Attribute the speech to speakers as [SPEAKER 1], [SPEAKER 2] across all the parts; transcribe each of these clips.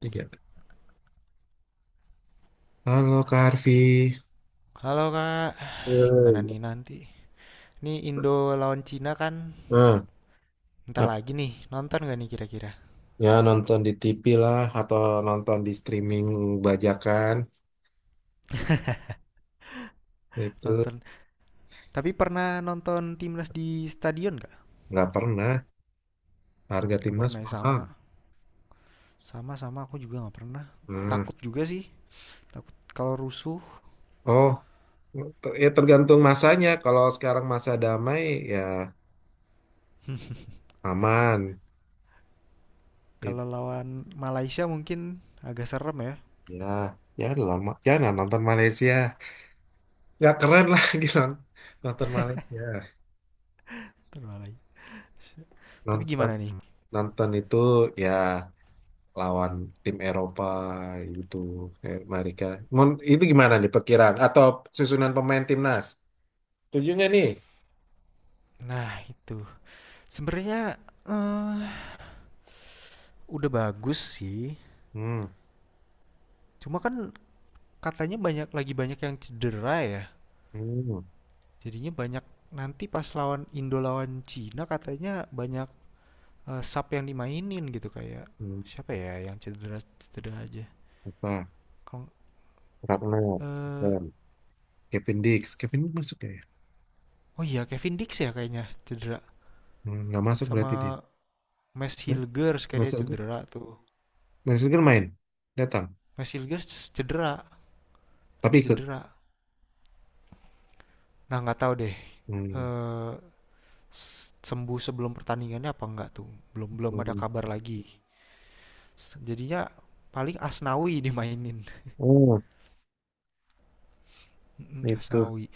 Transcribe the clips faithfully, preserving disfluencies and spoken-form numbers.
[SPEAKER 1] Tiga. Halo Kak Arfi,
[SPEAKER 2] Halo Kak,
[SPEAKER 1] Eh,
[SPEAKER 2] gimana nih
[SPEAKER 1] iya.
[SPEAKER 2] nanti? Nih Indo lawan Cina kan,
[SPEAKER 1] Nah,
[SPEAKER 2] ntar
[SPEAKER 1] ap-
[SPEAKER 2] lagi nih, nonton gak nih kira-kira?
[SPEAKER 1] ya nonton di T V lah atau nonton di streaming bajakan itu
[SPEAKER 2] Nonton, tapi pernah nonton timnas di stadion gak?
[SPEAKER 1] nggak pernah. Harga
[SPEAKER 2] Gak
[SPEAKER 1] timnas
[SPEAKER 2] pernah ya,
[SPEAKER 1] mahal.
[SPEAKER 2] sama, sama-sama aku juga gak pernah.
[SPEAKER 1] Nah,
[SPEAKER 2] Takut juga sih, takut kalau rusuh,
[SPEAKER 1] oh ter- ya tergantung masanya. Kalau sekarang masa damai, ya aman. It-
[SPEAKER 2] kalau lawan Malaysia mungkin agak serem ya.
[SPEAKER 1] ya, ya lama. Ya nah, nonton Malaysia. Nggak keren lah gitu nonton Malaysia.
[SPEAKER 2] Ntar Malaysia. Tapi
[SPEAKER 1] Nonton
[SPEAKER 2] gimana nih?
[SPEAKER 1] nonton itu ya lawan tim Eropa gitu kayak Marika. Mon- Itu gimana nih perkiraan atau susunan pemain timnas? Setuju nggak nih?
[SPEAKER 2] Nah itu, sebenarnya eh udah bagus sih,
[SPEAKER 1] Hmm,
[SPEAKER 2] cuma kan katanya banyak lagi banyak yang cedera ya.
[SPEAKER 1] hmm,
[SPEAKER 2] Jadinya banyak nanti pas lawan Indo lawan Cina katanya banyak eh, sub yang dimainin gitu kayak
[SPEAKER 1] hmm.
[SPEAKER 2] siapa ya yang cedera cedera aja.
[SPEAKER 1] Apa?
[SPEAKER 2] Kalau
[SPEAKER 1] Ragnar,
[SPEAKER 2] eh,
[SPEAKER 1] Kevin, Kevin Dix, Kevin Dix masuk nggak ya?
[SPEAKER 2] oh iya, Kevin Dix ya kayaknya cedera,
[SPEAKER 1] Hmm, nggak masuk
[SPEAKER 2] sama
[SPEAKER 1] berarti dia.
[SPEAKER 2] Max
[SPEAKER 1] Hmm.
[SPEAKER 2] Hilgers kayaknya
[SPEAKER 1] Masuk,
[SPEAKER 2] cedera tuh.
[SPEAKER 1] masuk kan main, datang,
[SPEAKER 2] Max Hilgers cedera,
[SPEAKER 1] tapi
[SPEAKER 2] lagi
[SPEAKER 1] ikut.
[SPEAKER 2] cedera. Nah, nggak tahu deh
[SPEAKER 1] Hmm,
[SPEAKER 2] eh sembuh sebelum pertandingannya apa enggak tuh. Belum belum ada
[SPEAKER 1] hmm.
[SPEAKER 2] kabar lagi. Jadinya paling Asnawi dimainin.
[SPEAKER 1] Oh,
[SPEAKER 2] Mm,
[SPEAKER 1] itu.
[SPEAKER 2] Asnawi.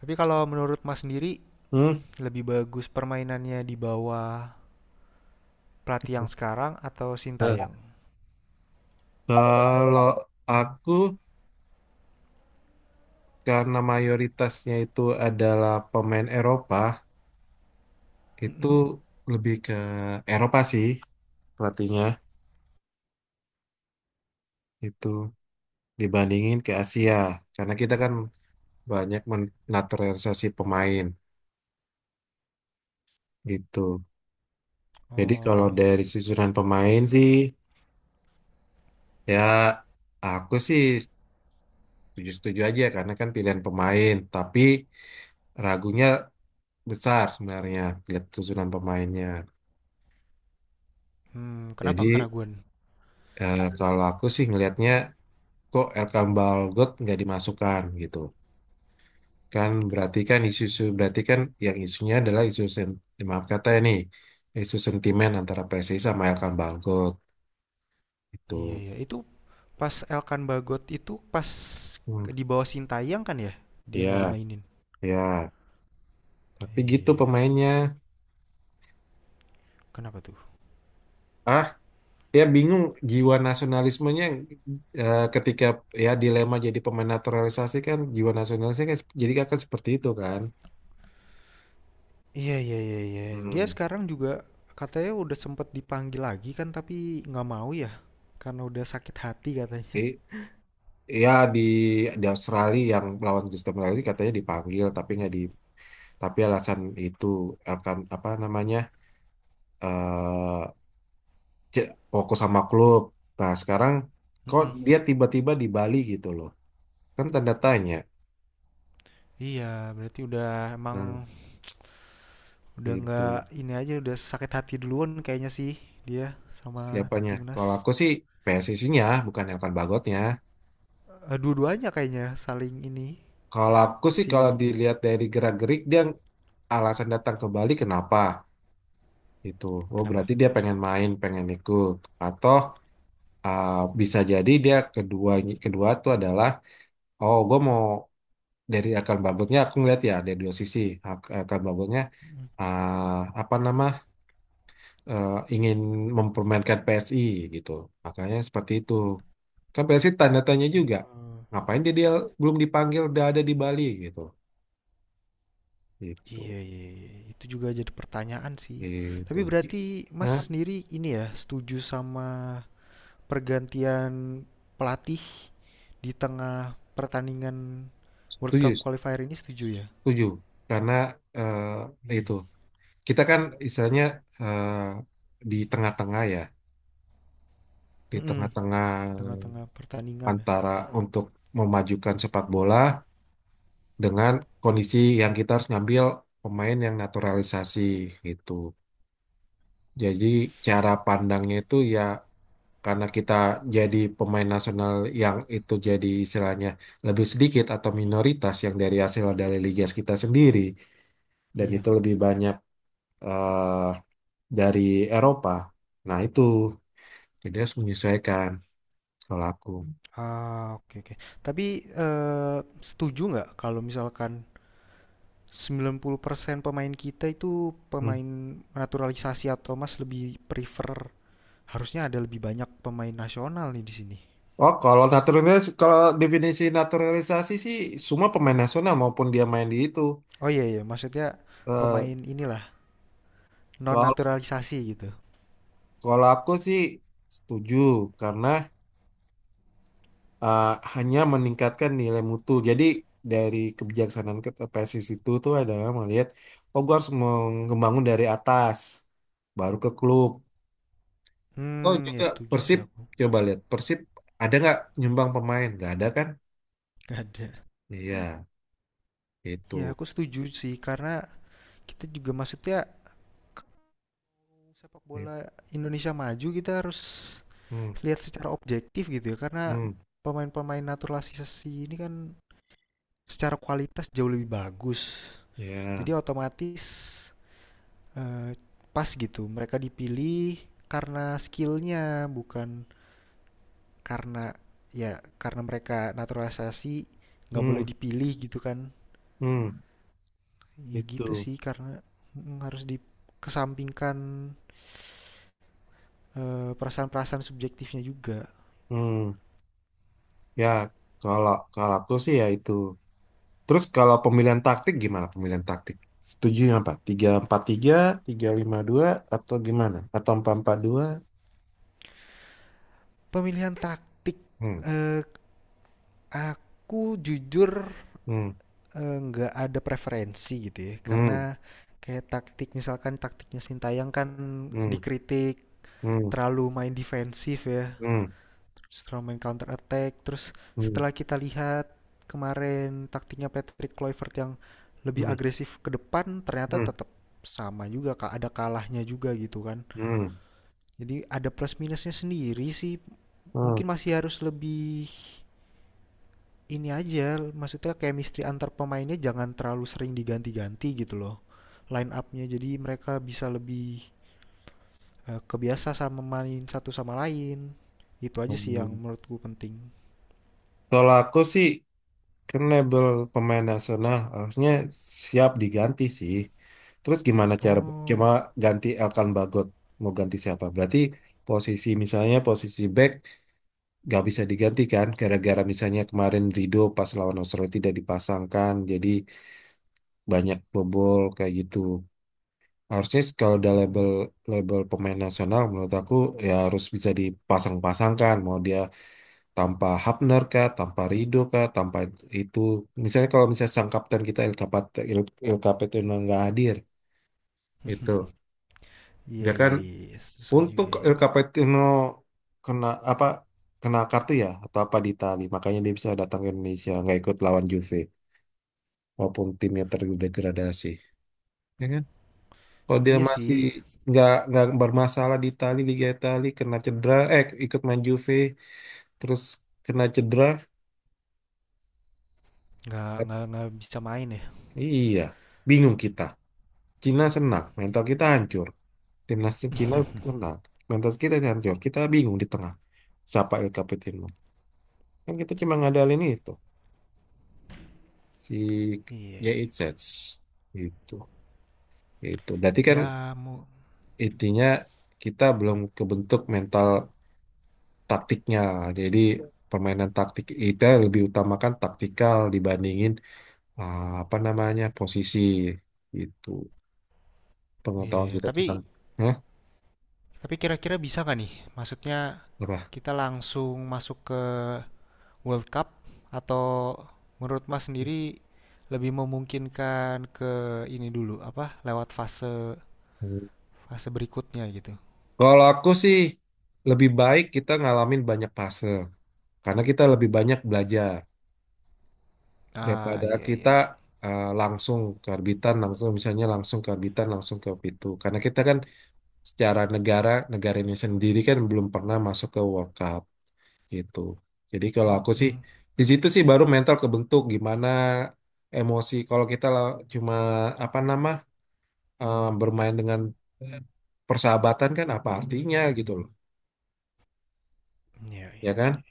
[SPEAKER 2] Tapi kalau menurut Mas sendiri
[SPEAKER 1] Hmm.
[SPEAKER 2] lebih bagus permainannya di bawah pelatih yang sekarang atau
[SPEAKER 1] Nah,
[SPEAKER 2] Sintayong?
[SPEAKER 1] kalau aku karena mayoritasnya itu adalah pemain Eropa, itu
[SPEAKER 2] Mm-mm.
[SPEAKER 1] lebih ke Eropa sih pelatihnya itu dibandingin ke Asia karena kita kan banyak menaturalisasi pemain gitu. Jadi kalau
[SPEAKER 2] Oh iya,
[SPEAKER 1] dari
[SPEAKER 2] iya.
[SPEAKER 1] susunan pemain sih ya aku sih setuju-setuju aja karena kan pilihan pemain, tapi ragunya besar sebenarnya lihat susunan pemainnya.
[SPEAKER 2] Hmm,
[SPEAKER 1] Jadi
[SPEAKER 2] kenapa keraguan?
[SPEAKER 1] eh, kalau aku sih ngelihatnya kok Elkan Balgot nggak dimasukkan gitu. Kan berarti kan isu-isu berarti kan yang isunya adalah isu sen, ya, maaf kata ya nih, isu sentimen antara P S S I sama Elkan Bangkok itu.
[SPEAKER 2] Iya iya. Itu pas Elkan Bagot itu pas
[SPEAKER 1] Hmm,
[SPEAKER 2] di bawah Sintayong kan ya? Dia nggak
[SPEAKER 1] ya
[SPEAKER 2] dimainin.
[SPEAKER 1] ya tapi gitu
[SPEAKER 2] Iya.
[SPEAKER 1] pemainnya.
[SPEAKER 2] Kenapa tuh?
[SPEAKER 1] ah Ya bingung jiwa nasionalismenya, eh, ketika ya dilema jadi pemain naturalisasi kan jiwa nasionalisnya kan sep- jadi akan seperti itu kan.
[SPEAKER 2] Iya iya iya iya. Dia
[SPEAKER 1] Hmm.
[SPEAKER 2] sekarang juga katanya udah sempet dipanggil lagi kan, tapi nggak mau ya karena udah sakit hati katanya.
[SPEAKER 1] I- Ya di di Australia yang lawan Kristen Malaysia katanya dipanggil tapi nggak di, tapi alasan itu akan apa namanya, eh, ce- fokus sama klub. Nah, sekarang kok
[SPEAKER 2] Mm-mm.
[SPEAKER 1] dia tiba-tiba di Bali gitu loh. Kan tanda tanya.
[SPEAKER 2] Iya, berarti udah
[SPEAKER 1] Nah,
[SPEAKER 2] emang, udah nggak,
[SPEAKER 1] itu.
[SPEAKER 2] ini aja udah sakit hati duluan kayaknya sih dia sama
[SPEAKER 1] Siapanya?
[SPEAKER 2] timnas.
[SPEAKER 1] Kalau aku sih P S S I-nya, bukan Elkan Bagotnya.
[SPEAKER 2] Eh, dua-duanya kayaknya saling ini
[SPEAKER 1] Kalau aku sih kalau
[SPEAKER 2] si.
[SPEAKER 1] dilihat dari gerak-gerik dia, alasan datang ke Bali kenapa? Itu. Oh,
[SPEAKER 2] Kenapa?
[SPEAKER 1] berarti dia pengen main, pengen ikut. Atau ah, bisa jadi dia kedua, kedua tuh adalah oh, gue mau, dari akan bagotnya aku ngeliat ya dari dua sisi. Akan bagotnya ah, apa nama eh, ingin mempermainkan P S I gitu. Makanya seperti itu. Kan P S I tanda tanya juga.
[SPEAKER 2] Hmm.
[SPEAKER 1] Ngapain dia, dia belum dipanggil udah ada di Bali gitu. Gitu.
[SPEAKER 2] Iya, iya, iya, iya, itu juga jadi pertanyaan sih.
[SPEAKER 1] Gitu.
[SPEAKER 2] Tapi
[SPEAKER 1] Gi-
[SPEAKER 2] berarti Mas
[SPEAKER 1] Hah?
[SPEAKER 2] sendiri ini ya setuju sama pergantian pelatih di tengah pertandingan World
[SPEAKER 1] Setuju,
[SPEAKER 2] Cup qualifier ini, setuju ya?
[SPEAKER 1] setuju. Karena eh,
[SPEAKER 2] Hmm.
[SPEAKER 1] itu kita kan istilahnya eh, di tengah-tengah ya, di
[SPEAKER 2] Mm-mm,
[SPEAKER 1] tengah-tengah
[SPEAKER 2] di tengah-tengah pertandingan ya.
[SPEAKER 1] antara untuk memajukan sepak bola dengan kondisi yang kita harus ngambil pemain yang naturalisasi gitu. Jadi cara pandangnya itu ya karena kita jadi pemain nasional yang itu jadi istilahnya lebih sedikit atau minoritas yang dari hasil dari liga kita sendiri dan
[SPEAKER 2] Iya.
[SPEAKER 1] itu lebih banyak eh, dari Eropa. Nah itu jadi harus menyesuaikan kalau aku.
[SPEAKER 2] Ah, oke oke. Tapi eh, setuju nggak kalau misalkan sembilan puluh persen pemain kita itu
[SPEAKER 1] Hmm.
[SPEAKER 2] pemain naturalisasi, atau Mas lebih prefer harusnya ada lebih banyak pemain nasional nih di sini.
[SPEAKER 1] Oh kalau naturalis, kalau definisi naturalisasi sih semua pemain nasional maupun dia main di itu.
[SPEAKER 2] Oh iya iya, maksudnya
[SPEAKER 1] Eh,
[SPEAKER 2] pemain inilah non
[SPEAKER 1] kalau
[SPEAKER 2] naturalisasi gitu.
[SPEAKER 1] kalau aku sih setuju karena eh, hanya meningkatkan nilai mutu. Jadi dari kebijaksanaan ke P S S I itu tuh adalah melihat, oh gue harus membangun dari atas, baru ke klub. Oh
[SPEAKER 2] Hmm, ya
[SPEAKER 1] juga
[SPEAKER 2] setuju sih
[SPEAKER 1] Persib,
[SPEAKER 2] aku.
[SPEAKER 1] coba lihat Persib ada nggak nyumbang pemain? Nggak ada kan?
[SPEAKER 2] Gak ada.
[SPEAKER 1] Iya,
[SPEAKER 2] Ya
[SPEAKER 1] itu.
[SPEAKER 2] aku setuju sih karena kita juga maksudnya sepak bola Indonesia maju, kita harus
[SPEAKER 1] Hmm,
[SPEAKER 2] lihat secara objektif gitu ya, karena
[SPEAKER 1] hmm,
[SPEAKER 2] pemain-pemain naturalisasi ini kan secara kualitas jauh lebih bagus,
[SPEAKER 1] ya,
[SPEAKER 2] jadi otomatis eh, pas gitu mereka dipilih karena skillnya, bukan karena, ya, karena mereka naturalisasi nggak boleh
[SPEAKER 1] hmm,
[SPEAKER 2] dipilih gitu kan.
[SPEAKER 1] hmm,
[SPEAKER 2] Ya gitu
[SPEAKER 1] itu.
[SPEAKER 2] sih, karena mm, harus dikesampingkan eh, perasaan-perasaan subjektifnya juga.
[SPEAKER 1] Hmm, ya kalau kalau aku sih ya itu. Terus kalau pemilihan taktik gimana pemilihan taktik? Setuju yang apa? Tiga empat tiga, tiga lima dua, atau gimana? Atau empat empat dua?
[SPEAKER 2] Pemilihan taktik,
[SPEAKER 1] Hmm.
[SPEAKER 2] eee, aku jujur,
[SPEAKER 1] Hmm.
[SPEAKER 2] eee, nggak ada preferensi gitu ya, karena
[SPEAKER 1] Hmm.
[SPEAKER 2] kayak taktik misalkan taktiknya Sintayong kan
[SPEAKER 1] Hmm.
[SPEAKER 2] dikritik
[SPEAKER 1] Hmm.
[SPEAKER 2] terlalu main defensif ya,
[SPEAKER 1] Hmm.
[SPEAKER 2] terus terlalu main counter attack. Terus
[SPEAKER 1] Hmm.
[SPEAKER 2] setelah kita lihat kemarin taktiknya Patrick Kluivert yang lebih
[SPEAKER 1] Hmm.
[SPEAKER 2] agresif ke depan, ternyata
[SPEAKER 1] Hmm.
[SPEAKER 2] tetap sama juga, Kak, ada kalahnya juga gitu kan.
[SPEAKER 1] Hmm.
[SPEAKER 2] Jadi ada plus minusnya sendiri sih,
[SPEAKER 1] Hmm.
[SPEAKER 2] mungkin masih harus lebih ini aja, maksudnya chemistry antar pemainnya jangan terlalu sering diganti-ganti gitu loh. Line up-nya, jadi mereka bisa lebih eh, kebiasa sama main satu sama lain. Itu aja sih yang
[SPEAKER 1] Hmm.
[SPEAKER 2] menurutku penting.
[SPEAKER 1] Kalau aku sih kan label pemain nasional harusnya siap diganti sih. Terus gimana cara cuma
[SPEAKER 2] Oh,
[SPEAKER 1] ganti Elkan Bagot mau ganti siapa? Berarti posisi, misalnya posisi back nggak bisa digantikan gara-gara misalnya kemarin Rido pas lawan Australia tidak dipasangkan jadi banyak bobol kayak gitu. Harusnya kalau udah label,
[SPEAKER 2] mm,
[SPEAKER 1] label pemain nasional menurut aku ya harus bisa dipasang-pasangkan mau dia tanpa Hapner kah, tanpa Rido kah, tanpa itu. Misalnya kalau misalnya sang kapten kita El Capat- El, El Capitano nggak hadir gitu,
[SPEAKER 2] iya
[SPEAKER 1] dia kan
[SPEAKER 2] iya iya iya, susah
[SPEAKER 1] untung
[SPEAKER 2] juga ya.
[SPEAKER 1] Capetino kena apa, kena kartu ya atau apa di Itali, makanya dia bisa datang ke Indonesia nggak ikut lawan Juve walaupun timnya terdegradasi. Ya kan? Kalau dia
[SPEAKER 2] Iya
[SPEAKER 1] masih
[SPEAKER 2] sih,
[SPEAKER 1] nggak nggak bermasalah di Itali, Liga Itali kena cedera eh ikut main Juve terus kena cedera.
[SPEAKER 2] nggak
[SPEAKER 1] eh,
[SPEAKER 2] nggak nggak bisa main ya.
[SPEAKER 1] iya, bingung kita. Cina senang, mental kita hancur, timnas Cina senang, mental kita hancur, kita bingung di tengah siapa El Capitano, kan kita cuma ngadalin itu, si
[SPEAKER 2] Iya iya.
[SPEAKER 1] Y I Z itu. Itu berarti kan
[SPEAKER 2] Ya mau,
[SPEAKER 1] intinya kita belum kebentuk mental taktiknya. Jadi permainan taktik kita lebih utamakan taktikal dibandingin ah, apa namanya posisi itu,
[SPEAKER 2] iya
[SPEAKER 1] pengetahuan
[SPEAKER 2] ya.
[SPEAKER 1] kita
[SPEAKER 2] Tapi
[SPEAKER 1] tentang. Hah?
[SPEAKER 2] tapi kira-kira bisa nggak nih? Maksudnya
[SPEAKER 1] Apa,
[SPEAKER 2] kita langsung masuk ke World Cup, atau menurut Mas sendiri lebih memungkinkan ke ini dulu apa lewat fase fase berikutnya gitu.
[SPEAKER 1] kalau aku sih lebih baik kita ngalamin banyak fase karena kita lebih banyak belajar
[SPEAKER 2] Ah
[SPEAKER 1] daripada
[SPEAKER 2] iya iya,
[SPEAKER 1] kita
[SPEAKER 2] iya.
[SPEAKER 1] eh, langsung ke arbitan langsung, misalnya langsung ke arbitan langsung ke itu karena kita kan secara negara, negara ini sendiri kan belum pernah masuk ke World Cup gitu. Jadi kalau aku sih
[SPEAKER 2] Mm-mm.
[SPEAKER 1] di situ sih baru mental kebentuk gimana, emosi kalau kita lah. Cuma apa nama, eh, bermain dengan eh, persahabatan kan apa artinya gitu loh.
[SPEAKER 2] Iya
[SPEAKER 1] Ya
[SPEAKER 2] iya.
[SPEAKER 1] kan?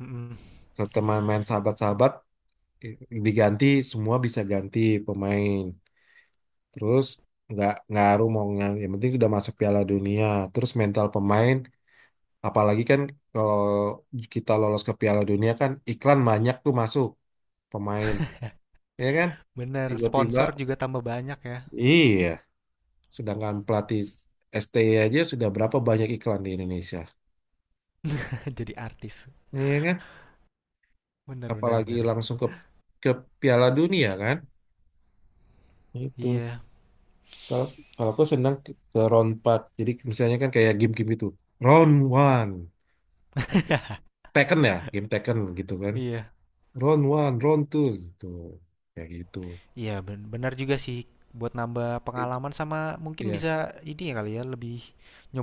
[SPEAKER 2] Mm-mm.
[SPEAKER 1] Kalau teman main sahabat-sahabat eh, diganti, semua bisa ganti pemain. Terus nggak ngaruh mau nggak, yang penting sudah masuk Piala Dunia. Terus mental pemain, apalagi kan kalau kita lolos ke Piala Dunia kan iklan banyak tuh masuk pemain, ya kan?
[SPEAKER 2] Bener,
[SPEAKER 1] Tiba-tiba,
[SPEAKER 2] sponsor juga tambah banyak ya.
[SPEAKER 1] iya. Sedangkan pelatih S T I aja sudah berapa banyak iklan di Indonesia,
[SPEAKER 2] Jadi artis.
[SPEAKER 1] iya kan?
[SPEAKER 2] Bener bener
[SPEAKER 1] Apalagi
[SPEAKER 2] bener.
[SPEAKER 1] langsung ke ke Piala Dunia kan? Itu
[SPEAKER 2] Iya
[SPEAKER 1] kalau kalau aku senang ke, ke round empat. Jadi misalnya kan kayak game-game itu, round one Tekken ya, game Tekken gitu kan.
[SPEAKER 2] iya
[SPEAKER 1] Round one, round two gitu. Kayak gitu.
[SPEAKER 2] iya, ben- benar juga sih, buat nambah
[SPEAKER 1] Itu,
[SPEAKER 2] pengalaman sama mungkin
[SPEAKER 1] ya.
[SPEAKER 2] bisa ini ya kali ya, lebih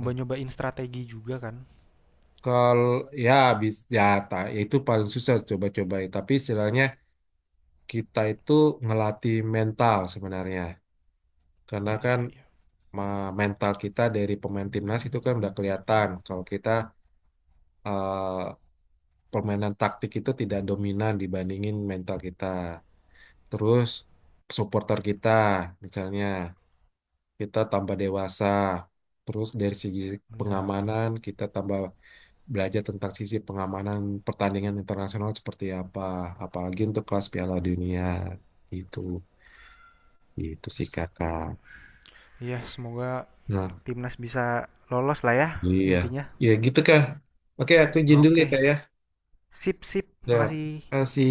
[SPEAKER 1] Nah,
[SPEAKER 2] strategi juga kan.
[SPEAKER 1] kalau ya bis ya, ta, ya itu paling susah coba-coba ya. Tapi istilahnya kita itu ngelatih mental sebenarnya. Karena
[SPEAKER 2] Iya
[SPEAKER 1] kan
[SPEAKER 2] iya iya.
[SPEAKER 1] ma- mental kita dari pemain timnas itu kan udah kelihatan kalau kita eh, permainan taktik itu tidak dominan dibandingin mental kita. Terus supporter kita misalnya kita tambah dewasa. Terus dari segi
[SPEAKER 2] Benar.
[SPEAKER 1] pengamanan kita tambah belajar tentang sisi pengamanan pertandingan internasional seperti apa, apalagi untuk kelas Piala Dunia itu. Itu sih kakak.
[SPEAKER 2] Iya, semoga
[SPEAKER 1] Nah,
[SPEAKER 2] timnas bisa lolos lah ya,
[SPEAKER 1] iya,
[SPEAKER 2] intinya.
[SPEAKER 1] ya gitu kak. Oke, aku izin dulu ya
[SPEAKER 2] Oke,
[SPEAKER 1] kak ya.
[SPEAKER 2] sip sip.
[SPEAKER 1] Ya,
[SPEAKER 2] Makasih.
[SPEAKER 1] kasih.